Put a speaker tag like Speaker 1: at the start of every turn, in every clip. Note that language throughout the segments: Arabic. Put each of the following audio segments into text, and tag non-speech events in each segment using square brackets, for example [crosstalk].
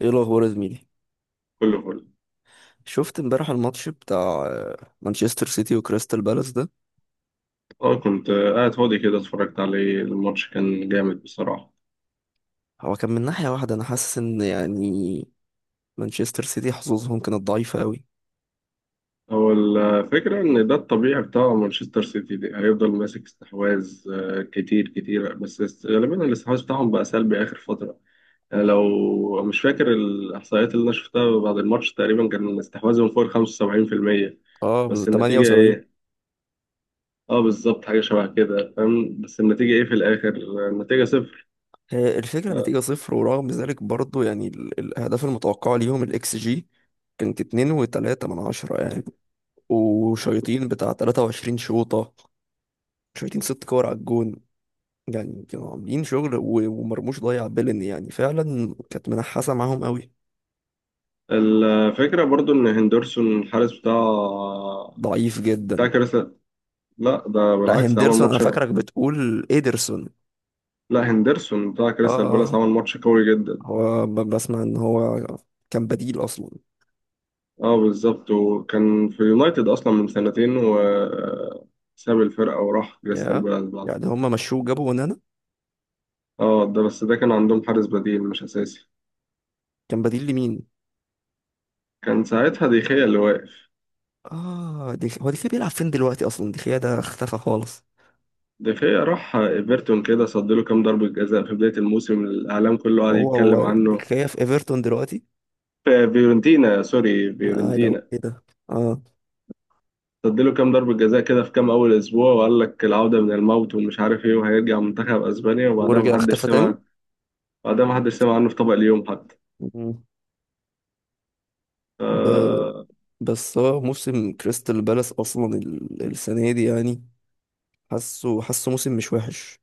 Speaker 1: ايه الاخبار يا زميلي؟
Speaker 2: كله فل.
Speaker 1: شفت امبارح الماتش بتاع مانشستر سيتي وكريستال بالاس ده؟
Speaker 2: اه كنت قاعد فاضي كده، اتفرجت عليه. الماتش كان جامد بصراحة.
Speaker 1: هو كان من ناحية واحدة، انا حاسس ان يعني مانشستر سيتي حظوظهم كانت ضعيفة قوي.
Speaker 2: هو الفكرة إن ده الطبيعي بتاع مانشستر سيتي، دي هيفضل ماسك استحواذ كتير كتير، بس غالبا الاستحواذ بتاعهم بقى سلبي آخر فترة. يعني لو مش فاكر الإحصائيات اللي أنا شفتها بعد الماتش، تقريبا كان استحواذهم فوق 75%.
Speaker 1: اه،
Speaker 2: بس النتيجة
Speaker 1: 78.
Speaker 2: إيه؟ اه بالظبط، حاجة شبه كده، فاهم؟ بس النتيجة إيه في الآخر؟ النتيجة صفر.
Speaker 1: هي الفكرة،
Speaker 2: آه،
Speaker 1: نتيجة صفر، ورغم ذلك برضو يعني الاهداف المتوقعة ليهم الاكس جي كانت 2 و3 من 10 يعني. وشيطين بتاع 23 شوطة، شيطين ست كور على الجون، يعني كانوا عاملين شغل، ومرموش ضيع بيلن، يعني فعلا كانت منحاسة معاهم قوي.
Speaker 2: الفكرة برضو إن هندرسون الحارس بتاع
Speaker 1: ضعيف
Speaker 2: بتاع
Speaker 1: جدا.
Speaker 2: كريستال. لا ده
Speaker 1: لا،
Speaker 2: بالعكس عمل
Speaker 1: هندرسون انا
Speaker 2: ماتش.
Speaker 1: فاكرك بتقول ايدرسون.
Speaker 2: لا هندرسون بتاع
Speaker 1: اه،
Speaker 2: كريستال بالاس
Speaker 1: اه،
Speaker 2: عمل ماتش قوي جدا.
Speaker 1: هو بسمع ان هو كان بديل اصلا.
Speaker 2: اه بالظبط، وكان في يونايتد اصلا من سنتين وساب الفرقه وراح كريستال
Speaker 1: يا
Speaker 2: بالاس بعد.
Speaker 1: يعني هما مشوه جابوا ونانا.
Speaker 2: اه ده، بس ده كان عندهم حارس بديل مش اساسي.
Speaker 1: كان بديل لمين؟
Speaker 2: كان ساعتها ديخيا اللي واقف.
Speaker 1: اه، دي هو دي بيلعب فين دلوقتي اصلا؟ دي ده اختفى خالص.
Speaker 2: ديخيا راح ايفرتون كده، صد له كام ضربه جزاء في بدايه الموسم، الاعلام كله قعد
Speaker 1: هو
Speaker 2: يتكلم
Speaker 1: والله دي
Speaker 2: عنه.
Speaker 1: في ايفرتون دلوقتي؟
Speaker 2: في فيورنتينا، سوري،
Speaker 1: انا قاعد اقول
Speaker 2: فيورنتينا.
Speaker 1: ايه ده. اه،
Speaker 2: اديله كام ضربة جزاء كده في كام أول أسبوع، وقال لك العودة من الموت ومش عارف إيه، وهيرجع منتخب أسبانيا، وبعدها
Speaker 1: ورجع
Speaker 2: محدش
Speaker 1: اختفى
Speaker 2: سمع.
Speaker 1: تاني.
Speaker 2: بعدها محدش سمع عنه في طبق اليوم حتى.
Speaker 1: مم. ب...
Speaker 2: آه.
Speaker 1: بس هو موسم كريستال بالاس اصلا السنه دي يعني، حاسه موسم مش وحش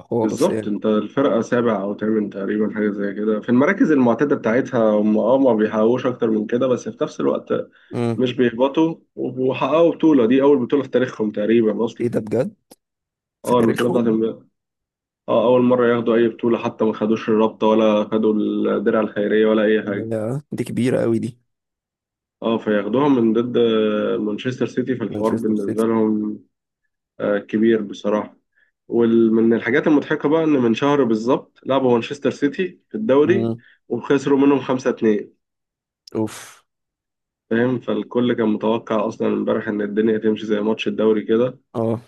Speaker 1: خالص
Speaker 2: بالظبط،
Speaker 1: يعني.
Speaker 2: أنت الفرقة سابع أو تامن تقريبا، حاجة زي كده، في المراكز المعتادة بتاعتها. هم أه ما بيحققوش أكتر من كده، بس في نفس الوقت
Speaker 1: امم
Speaker 2: مش بيهبطوا. وحققوا بطولة، دي أول بطولة في تاريخهم تقريبا أصلا.
Speaker 1: ايه ده بجد؟ في
Speaker 2: اه البطولة بتاعت
Speaker 1: تاريخهم؟
Speaker 2: امبارح. اه أول مرة ياخدوا أي بطولة، حتى ما خدوش الرابطة ولا خدوا الدرع الخيرية ولا أي حاجة.
Speaker 1: لا، دي كبيرة قوي دي.
Speaker 2: اه، فياخدوها من ضد مانشستر سيتي، في الحوار
Speaker 1: مانشستر سيتي.
Speaker 2: بالنسبة لهم كبير بصراحة. ومن الحاجات المضحكة بقى إن من شهر بالظبط لعبوا مانشستر سيتي في الدوري
Speaker 1: امم
Speaker 2: وخسروا منهم 5-2.
Speaker 1: اوف.
Speaker 2: فاهم؟ فالكل كان متوقع أصلا امبارح إن الدنيا تمشي زي ماتش الدوري كده.
Speaker 1: اه،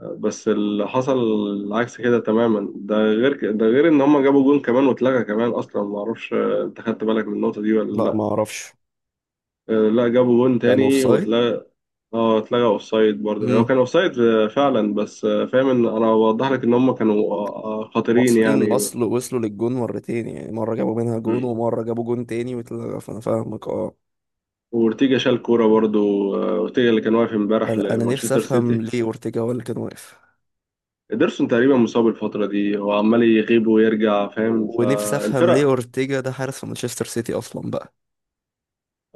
Speaker 2: بس اللي حصل العكس كده تماما. ده غير ده غير إن هما جابوا جون كمان واتلغى كمان أصلا، معرفش أنت خدت بالك من النقطة دي ولا
Speaker 1: لا،
Speaker 2: لأ؟
Speaker 1: ما اعرفش.
Speaker 2: لا جابوا جون
Speaker 1: كانوا اوف
Speaker 2: تاني
Speaker 1: سايد.
Speaker 2: واتلغى. اه اتلغى اوف سايد، برضه هو
Speaker 1: امم
Speaker 2: كان اوف سايد فعلا. بس فاهم، ان انا بوضح لك ان هم كانوا خطيرين
Speaker 1: واصلين،
Speaker 2: يعني.
Speaker 1: وصلوا للجون مرتين، يعني مرة جابوا منها جون
Speaker 2: مم.
Speaker 1: ومرة جابوا جون تاني، فانا فاهمك. اه،
Speaker 2: وارتيجا شال كوره برضه. اورتيجا اللي كان واقف امبارح
Speaker 1: انا نفسي
Speaker 2: لمانشستر
Speaker 1: افهم
Speaker 2: سيتي.
Speaker 1: ليه اورتيجا هو اللي كان واقف،
Speaker 2: ادرسون تقريبا مصاب الفتره دي، هو عمال يغيب ويرجع، فاهم؟
Speaker 1: ونفسي افهم ليه
Speaker 2: فالفرق،
Speaker 1: اورتيجا ده حارس في مانشستر سيتي اصلا بقى.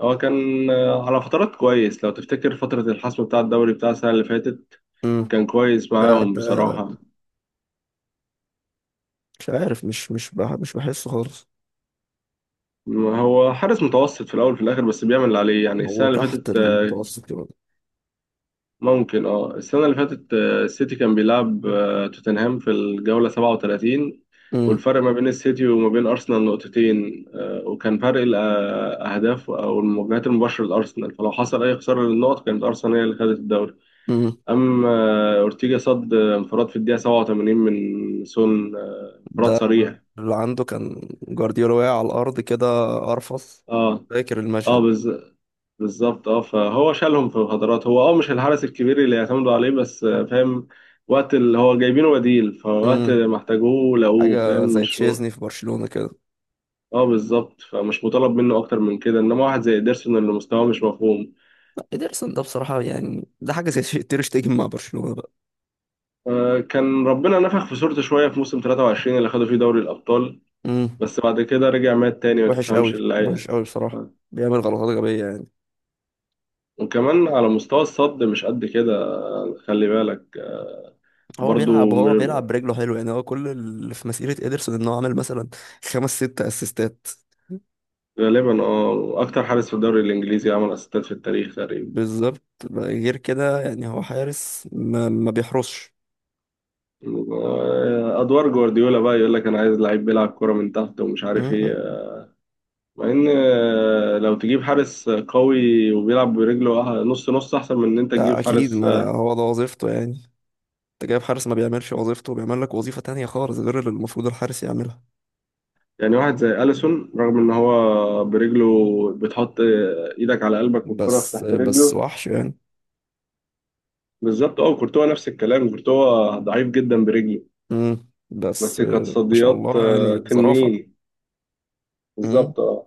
Speaker 2: هو كان على فترات كويس. لو تفتكر فتره الحسم بتاع الدوري بتاع السنه اللي فاتت،
Speaker 1: امم
Speaker 2: كان كويس
Speaker 1: ده
Speaker 2: معاهم
Speaker 1: ده
Speaker 2: بصراحه.
Speaker 1: مش عارف، مش بحسه خالص.
Speaker 2: هو حارس متوسط في الاول في الاخر، بس بيعمل اللي عليه يعني.
Speaker 1: هو
Speaker 2: السنه اللي
Speaker 1: تحت
Speaker 2: فاتت
Speaker 1: المتوسط كده.
Speaker 2: ممكن، اه، السنة اللي فاتت السيتي كان بيلعب توتنهام في الجولة 37، والفرق ما بين السيتي وما بين أرسنال نقطتين وكان فرق الأهداف أو المواجهات المباشرة لأرسنال، فلو حصل أي خسارة للنقط كانت أرسنال هي اللي خدت الدوري.
Speaker 1: امم
Speaker 2: أما أورتيجا صد انفراد في الدقيقة 87 من سون انفراد
Speaker 1: ده
Speaker 2: صريح.
Speaker 1: اللي عنده كان جوارديولا واقع على الأرض كده، قرفص.
Speaker 2: اه
Speaker 1: فاكر
Speaker 2: اه
Speaker 1: المشهد؟
Speaker 2: بالظبط. اه فهو شالهم في الهدرات. هو اه مش الحرس الكبير اللي يعتمدوا عليه، بس فاهم، وقت اللي هو جايبينه بديل، فوقت
Speaker 1: امم
Speaker 2: ما احتاجوه لقوه،
Speaker 1: حاجة
Speaker 2: فاهم؟
Speaker 1: زي
Speaker 2: مش
Speaker 1: تشيزني في برشلونة كده.
Speaker 2: اه بالظبط. فمش مطالب منه اكتر من كده، انما واحد زي ادرسون اللي مستواه مش مفهوم.
Speaker 1: لا، إيدرسون ده بصراحة يعني ده حاجة زي [laughs] تير شتيجن مع برشلونة بقى.
Speaker 2: كان ربنا نفخ في صورته شويه في موسم 23 اللي خدوا فيه دوري الابطال،
Speaker 1: امم
Speaker 2: بس بعد كده رجع مات تاني ما
Speaker 1: وحش قوي.
Speaker 2: تفهمش اللي.
Speaker 1: وحش قوي بصراحة.
Speaker 2: آه.
Speaker 1: بيعمل غلطات غبية يعني.
Speaker 2: وكمان على مستوى الصد مش قد كده. خلي بالك،
Speaker 1: هو
Speaker 2: برضو
Speaker 1: بيلعب هو بيلعب
Speaker 2: م-
Speaker 1: برجله حلو يعني. هو كل اللي في مسيرة إيدرسون إن هو عمل مثلا خمس ست أسيستات.
Speaker 2: غالبا اه اكتر حارس في الدوري الانجليزي عمل اسيستات في التاريخ تقريبا.
Speaker 1: بالظبط. غير كده يعني هو حارس ما بيحرسش.
Speaker 2: ادوار جوارديولا بقى يقول لك انا عايز لعيب بيلعب كرة من تحت ومش عارف ايه، مع ان لو تجيب حارس قوي وبيلعب برجله نص نص احسن من ان انت
Speaker 1: لا،
Speaker 2: تجيب
Speaker 1: اكيد
Speaker 2: حارس
Speaker 1: ما هو ده وظيفته يعني. انت جايب حارس ما بيعملش وظيفته، بيعمل لك وظيفة تانية خالص غير اللي المفروض الحارس يعملها.
Speaker 2: يعني واحد زي اليسون رغم ان هو برجله بتحط ايدك على قلبك والكرة في
Speaker 1: بس
Speaker 2: تحت
Speaker 1: بس
Speaker 2: رجله.
Speaker 1: وحش يعني.
Speaker 2: بالظبط، اه، كورتوا نفس الكلام، كورتوا ضعيف جدا برجله،
Speaker 1: بس،
Speaker 2: بس كانت
Speaker 1: ما شاء
Speaker 2: تصديات
Speaker 1: الله يعني ظرافة.
Speaker 2: تنين.
Speaker 1: امم
Speaker 2: بالظبط اه.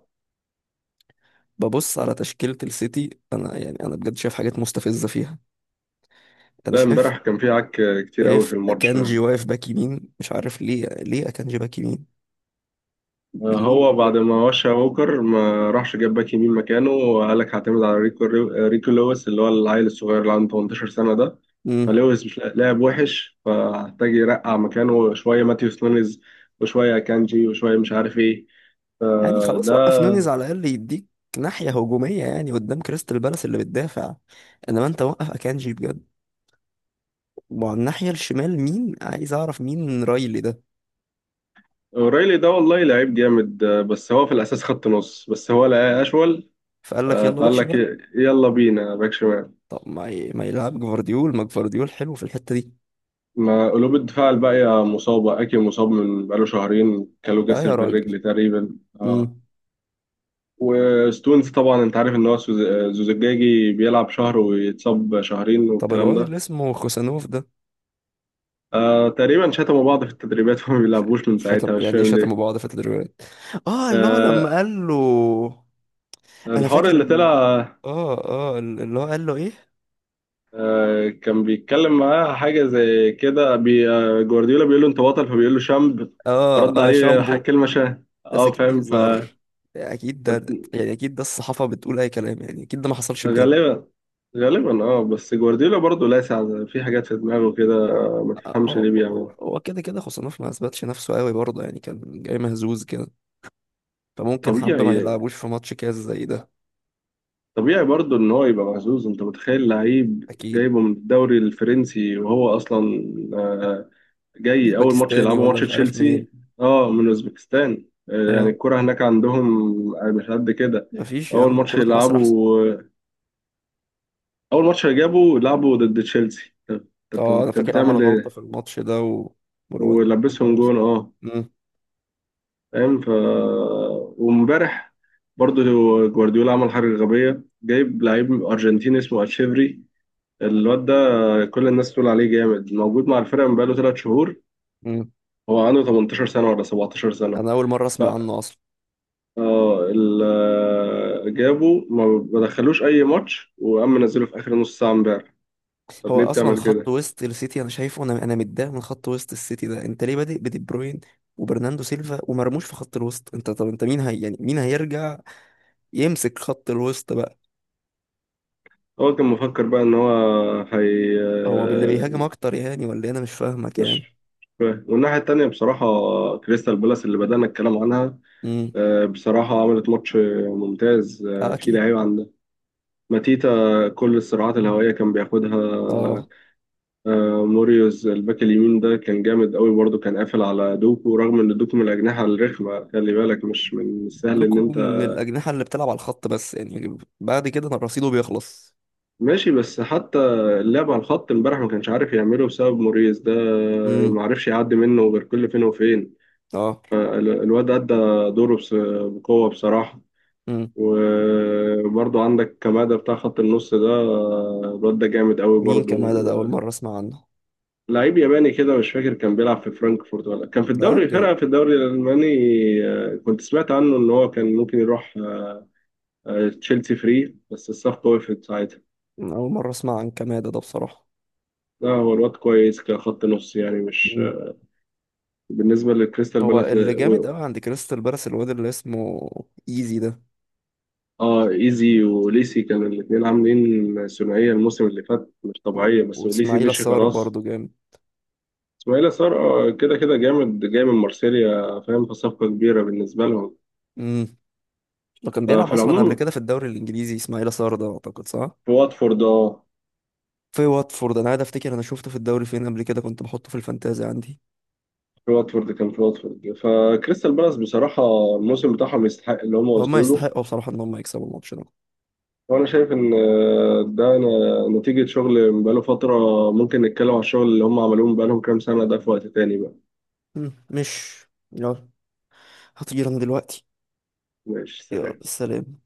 Speaker 1: ببص على تشكيلة السيتي انا، يعني انا بجد شايف حاجات مستفزة فيها. انا
Speaker 2: لا
Speaker 1: شايف
Speaker 2: امبارح كان في عك كتير قوي
Speaker 1: شايف
Speaker 2: في الماتش.
Speaker 1: اكانجي واقف باك يمين، مش عارف ليه اكانجي باك يمين؟ ليه
Speaker 2: هو
Speaker 1: بجد؟
Speaker 2: بعد ما وشى ووكر ما راحش جاب باك يمين مكانه، وقال لك هعتمد على ريكو. ريكو لويس اللي هو العيل الصغير اللي عنده 18 سنة ده،
Speaker 1: امم
Speaker 2: فلويس مش لاعب وحش، فهحتاج يرقع مكانه شوية ماتيوس نونيز وشوية كانجي وشوية مش عارف ايه.
Speaker 1: يعني خلاص وقف
Speaker 2: فده
Speaker 1: نونيز على الاقل يديك ناحية هجومية، يعني قدام كريستال بالاس اللي بتدافع، انما انت وقف اكانجي بجد. وعلى الناحية الشمال مين؟ عايز أعرف مين رايلي ده.
Speaker 2: اوريلي ده، والله لعيب جامد بس هو في الأساس خط نص، بس هو لقاه أشول
Speaker 1: فقال لك يلا باك
Speaker 2: فقال لك
Speaker 1: شمال.
Speaker 2: يلا بينا باك شمال.
Speaker 1: طب ما يلعب جفارديول، ما جفارديول حلو في الحتة دي.
Speaker 2: ما قلوب الدفاع الباقية مصابة. أكي مصاب من بقاله شهرين، كالو
Speaker 1: لا
Speaker 2: جسر
Speaker 1: يا
Speaker 2: في
Speaker 1: راجل.
Speaker 2: الرجل تقريبا اه.
Speaker 1: امم
Speaker 2: وستونز طبعا أنت عارف إن هو زوزجاجي، بيلعب شهر ويتصاب شهرين
Speaker 1: طب
Speaker 2: والكلام
Speaker 1: الواد اللي
Speaker 2: ده.
Speaker 1: اسمه خوسانوف ده،
Speaker 2: آه تقريبا شتموا بعض في التدريبات [laughs] فما
Speaker 1: ش...
Speaker 2: بيلعبوش من
Speaker 1: شتم
Speaker 2: ساعتها، مش
Speaker 1: يعني إيه؟
Speaker 2: فاهم
Speaker 1: شتموا
Speaker 2: ليه.
Speaker 1: بعض في التدريبات؟ اه، اللي هو لما
Speaker 2: آه
Speaker 1: قال له. انا
Speaker 2: الحوار
Speaker 1: فاكر
Speaker 2: اللي طلع.
Speaker 1: اه، اه، اللي هو قال له ايه؟
Speaker 2: آه كان بيتكلم معاه حاجة زي كده، بي آه جوارديولا بيقول له أنت بطل، فبيقول له شامب،
Speaker 1: اه،
Speaker 2: فرد
Speaker 1: اه،
Speaker 2: عليه
Speaker 1: شامبو.
Speaker 2: كلمة شاه،
Speaker 1: بس
Speaker 2: اه
Speaker 1: اكيد دي
Speaker 2: فاهم؟
Speaker 1: هزار، اكيد ده.
Speaker 2: فغالبا،
Speaker 1: يعني اكيد ده الصحافة بتقول اي كلام، يعني اكيد ده ما حصلش بجد.
Speaker 2: غالبا اه. بس جوارديولا برضه لاسع في حاجات في دماغه كده، ما تفهمش
Speaker 1: هو
Speaker 2: ليه
Speaker 1: هو
Speaker 2: بيعملها.
Speaker 1: هو كده خوسانوف ما اثبتش نفسه قوي برضه، يعني كان جاي مهزوز كده، فممكن حبة ما
Speaker 2: طبيعي،
Speaker 1: يلعبوش في ماتش كاس زي ده.
Speaker 2: طبيعي برضه ان هو يبقى مهزوز. انت متخيل لعيب
Speaker 1: اكيد.
Speaker 2: جايبه من الدوري الفرنسي وهو اصلا آه، جاي اول ماتش
Speaker 1: اوزبكستاني
Speaker 2: يلعبه
Speaker 1: ولا
Speaker 2: ماتش
Speaker 1: مش عارف منين.
Speaker 2: تشيلسي. اه من اوزبكستان يعني
Speaker 1: اه.
Speaker 2: الكرة هناك عندهم مش قد كده.
Speaker 1: مفيش يا
Speaker 2: اول
Speaker 1: عم، ده
Speaker 2: ماتش
Speaker 1: كرة مصر
Speaker 2: يلعبه،
Speaker 1: احسن.
Speaker 2: اول ماتش جابه لعبه ضد تشيلسي. طب،
Speaker 1: اه، انا
Speaker 2: طب
Speaker 1: فاكر عمل
Speaker 2: بتعمل
Speaker 1: غلطة
Speaker 2: ايه؟
Speaker 1: في الماتش ده و... والواد
Speaker 2: ولبسهم
Speaker 1: عمر
Speaker 2: جون
Speaker 1: وسام.
Speaker 2: اه.
Speaker 1: مم،
Speaker 2: فاهم. وامبارح برضه جوارديولا عمل حاجة غبية، جايب لعيب أرجنتيني اسمه أتشيفري. الواد ده كل الناس تقول عليه جامد، موجود مع الفرقة من بقاله 3 شهور.
Speaker 1: مم.
Speaker 2: هو عنده 18 سنة ولا 17 سنة؟
Speaker 1: انا اول مرة
Speaker 2: ف
Speaker 1: اسمع عنه اصلا.
Speaker 2: آه، ال- آه، جابه ما دخلوش أي ماتش، وقام منزله في آخر نص ساعة امبارح. طب
Speaker 1: هو
Speaker 2: ليه
Speaker 1: اصلا
Speaker 2: بتعمل
Speaker 1: خط
Speaker 2: كده؟
Speaker 1: وسط السيتي انا شايفه، انا متضايق من خط وسط السيتي ده. انت ليه بادئ بدي بروين وبرناندو سيلفا ومرموش في خط الوسط؟ انت، طب انت مين هي يعني، مين هيرجع يمسك خط الوسط بقى؟
Speaker 2: هو كان مفكر بقى إن هو هي
Speaker 1: هو باللي بيهاجم اكتر يعني ولا إيه؟ انا مش فاهمك يعني.
Speaker 2: مش مش فاهم. والناحية التانية بصراحة كريستال بالاس اللي بدأنا الكلام عنها
Speaker 1: امم
Speaker 2: بصراحة عملت ماتش ممتاز
Speaker 1: آه،
Speaker 2: في
Speaker 1: اكيد.
Speaker 2: لعيبة عندها. ماتيتا كل الصراعات الهوائية كان بياخدها.
Speaker 1: اه.
Speaker 2: موريوز الباك اليمين ده كان جامد قوي برضه، كان قافل على دوكو، رغم ان دوكو من الأجنحة الرخمة، خلي بالك مش من السهل ان
Speaker 1: لكم
Speaker 2: انت.
Speaker 1: من الاجنحه اللي بتلعب على الخط بس يعني بعد كده أنا رصيده بيخلص.
Speaker 2: ماشي، بس حتى اللعب على الخط امبارح ما كانش عارف يعمله بسبب موريوس ده،
Speaker 1: امم
Speaker 2: ما عرفش يعدي منه غير كل فين وفين.
Speaker 1: اه.
Speaker 2: الواد أدى دوره بقوة بصراحة.
Speaker 1: امم
Speaker 2: وبرضو عندك كمادة بتاع خط النص ده الواد ده جامد قوي
Speaker 1: مين
Speaker 2: برضو.
Speaker 1: كمادة ده؟ اول
Speaker 2: آه،
Speaker 1: مره اسمع عنه.
Speaker 2: لعيب ياباني كده، مش فاكر كان بيلعب في فرانكفورت ولا كان في
Speaker 1: لا
Speaker 2: الدوري،
Speaker 1: بجد.
Speaker 2: فرقة في الدوري الألماني. كنت سمعت عنه إن هو كان ممكن يروح تشيلسي فري، بس الصفقة وقفت ساعتها.
Speaker 1: أنا اول مره اسمع عن كمادة ده بصراحه.
Speaker 2: لا هو الواد كويس كخط نص يعني، مش
Speaker 1: امم
Speaker 2: بالنسبة لكريستال
Speaker 1: هو
Speaker 2: بالاس
Speaker 1: اللي جامد قوي عند كريستال بالاس الواد اللي اسمه ايزي ده،
Speaker 2: اه ايزي وليسي كانوا الاتنين عاملين ثنائية الموسم اللي فات مش طبيعية، بس وليسي
Speaker 1: واسماعيل
Speaker 2: مشي
Speaker 1: الصار
Speaker 2: خلاص.
Speaker 1: برضه جامد.
Speaker 2: اسماعيل صار كده كده جامد، جاي من مارسيليا، فاهم؟ فصفقة كبيرة بالنسبة لهم.
Speaker 1: امم لو كان بيلعب
Speaker 2: ففي
Speaker 1: اصلا قبل
Speaker 2: العموم،
Speaker 1: كده في الدوري الانجليزي اسماعيل صار ده، اعتقد صح؟
Speaker 2: في واتفورد اه،
Speaker 1: في واتفورد انا قاعد افتكر، انا شفته في الدوري فين قبل كده، كنت بحطه في الفانتازي عندي.
Speaker 2: في واتفورد كان. في واتفورد، فكريستال بالاس بصراحة الموسم بتاعهم يستحق اللي هم
Speaker 1: هما
Speaker 2: وصلوا له.
Speaker 1: يستحقوا بصراحة ان هما يكسبوا الماتش ده.
Speaker 2: وأنا شايف إن ده نتيجة شغل بقاله فترة. ممكن نتكلم على الشغل اللي هم عملوه بقالهم كام سنة ده في وقت تاني بقى.
Speaker 1: مش، يلا هطير انا دلوقتي.
Speaker 2: ماشي،
Speaker 1: يلا
Speaker 2: سلام.
Speaker 1: سلام.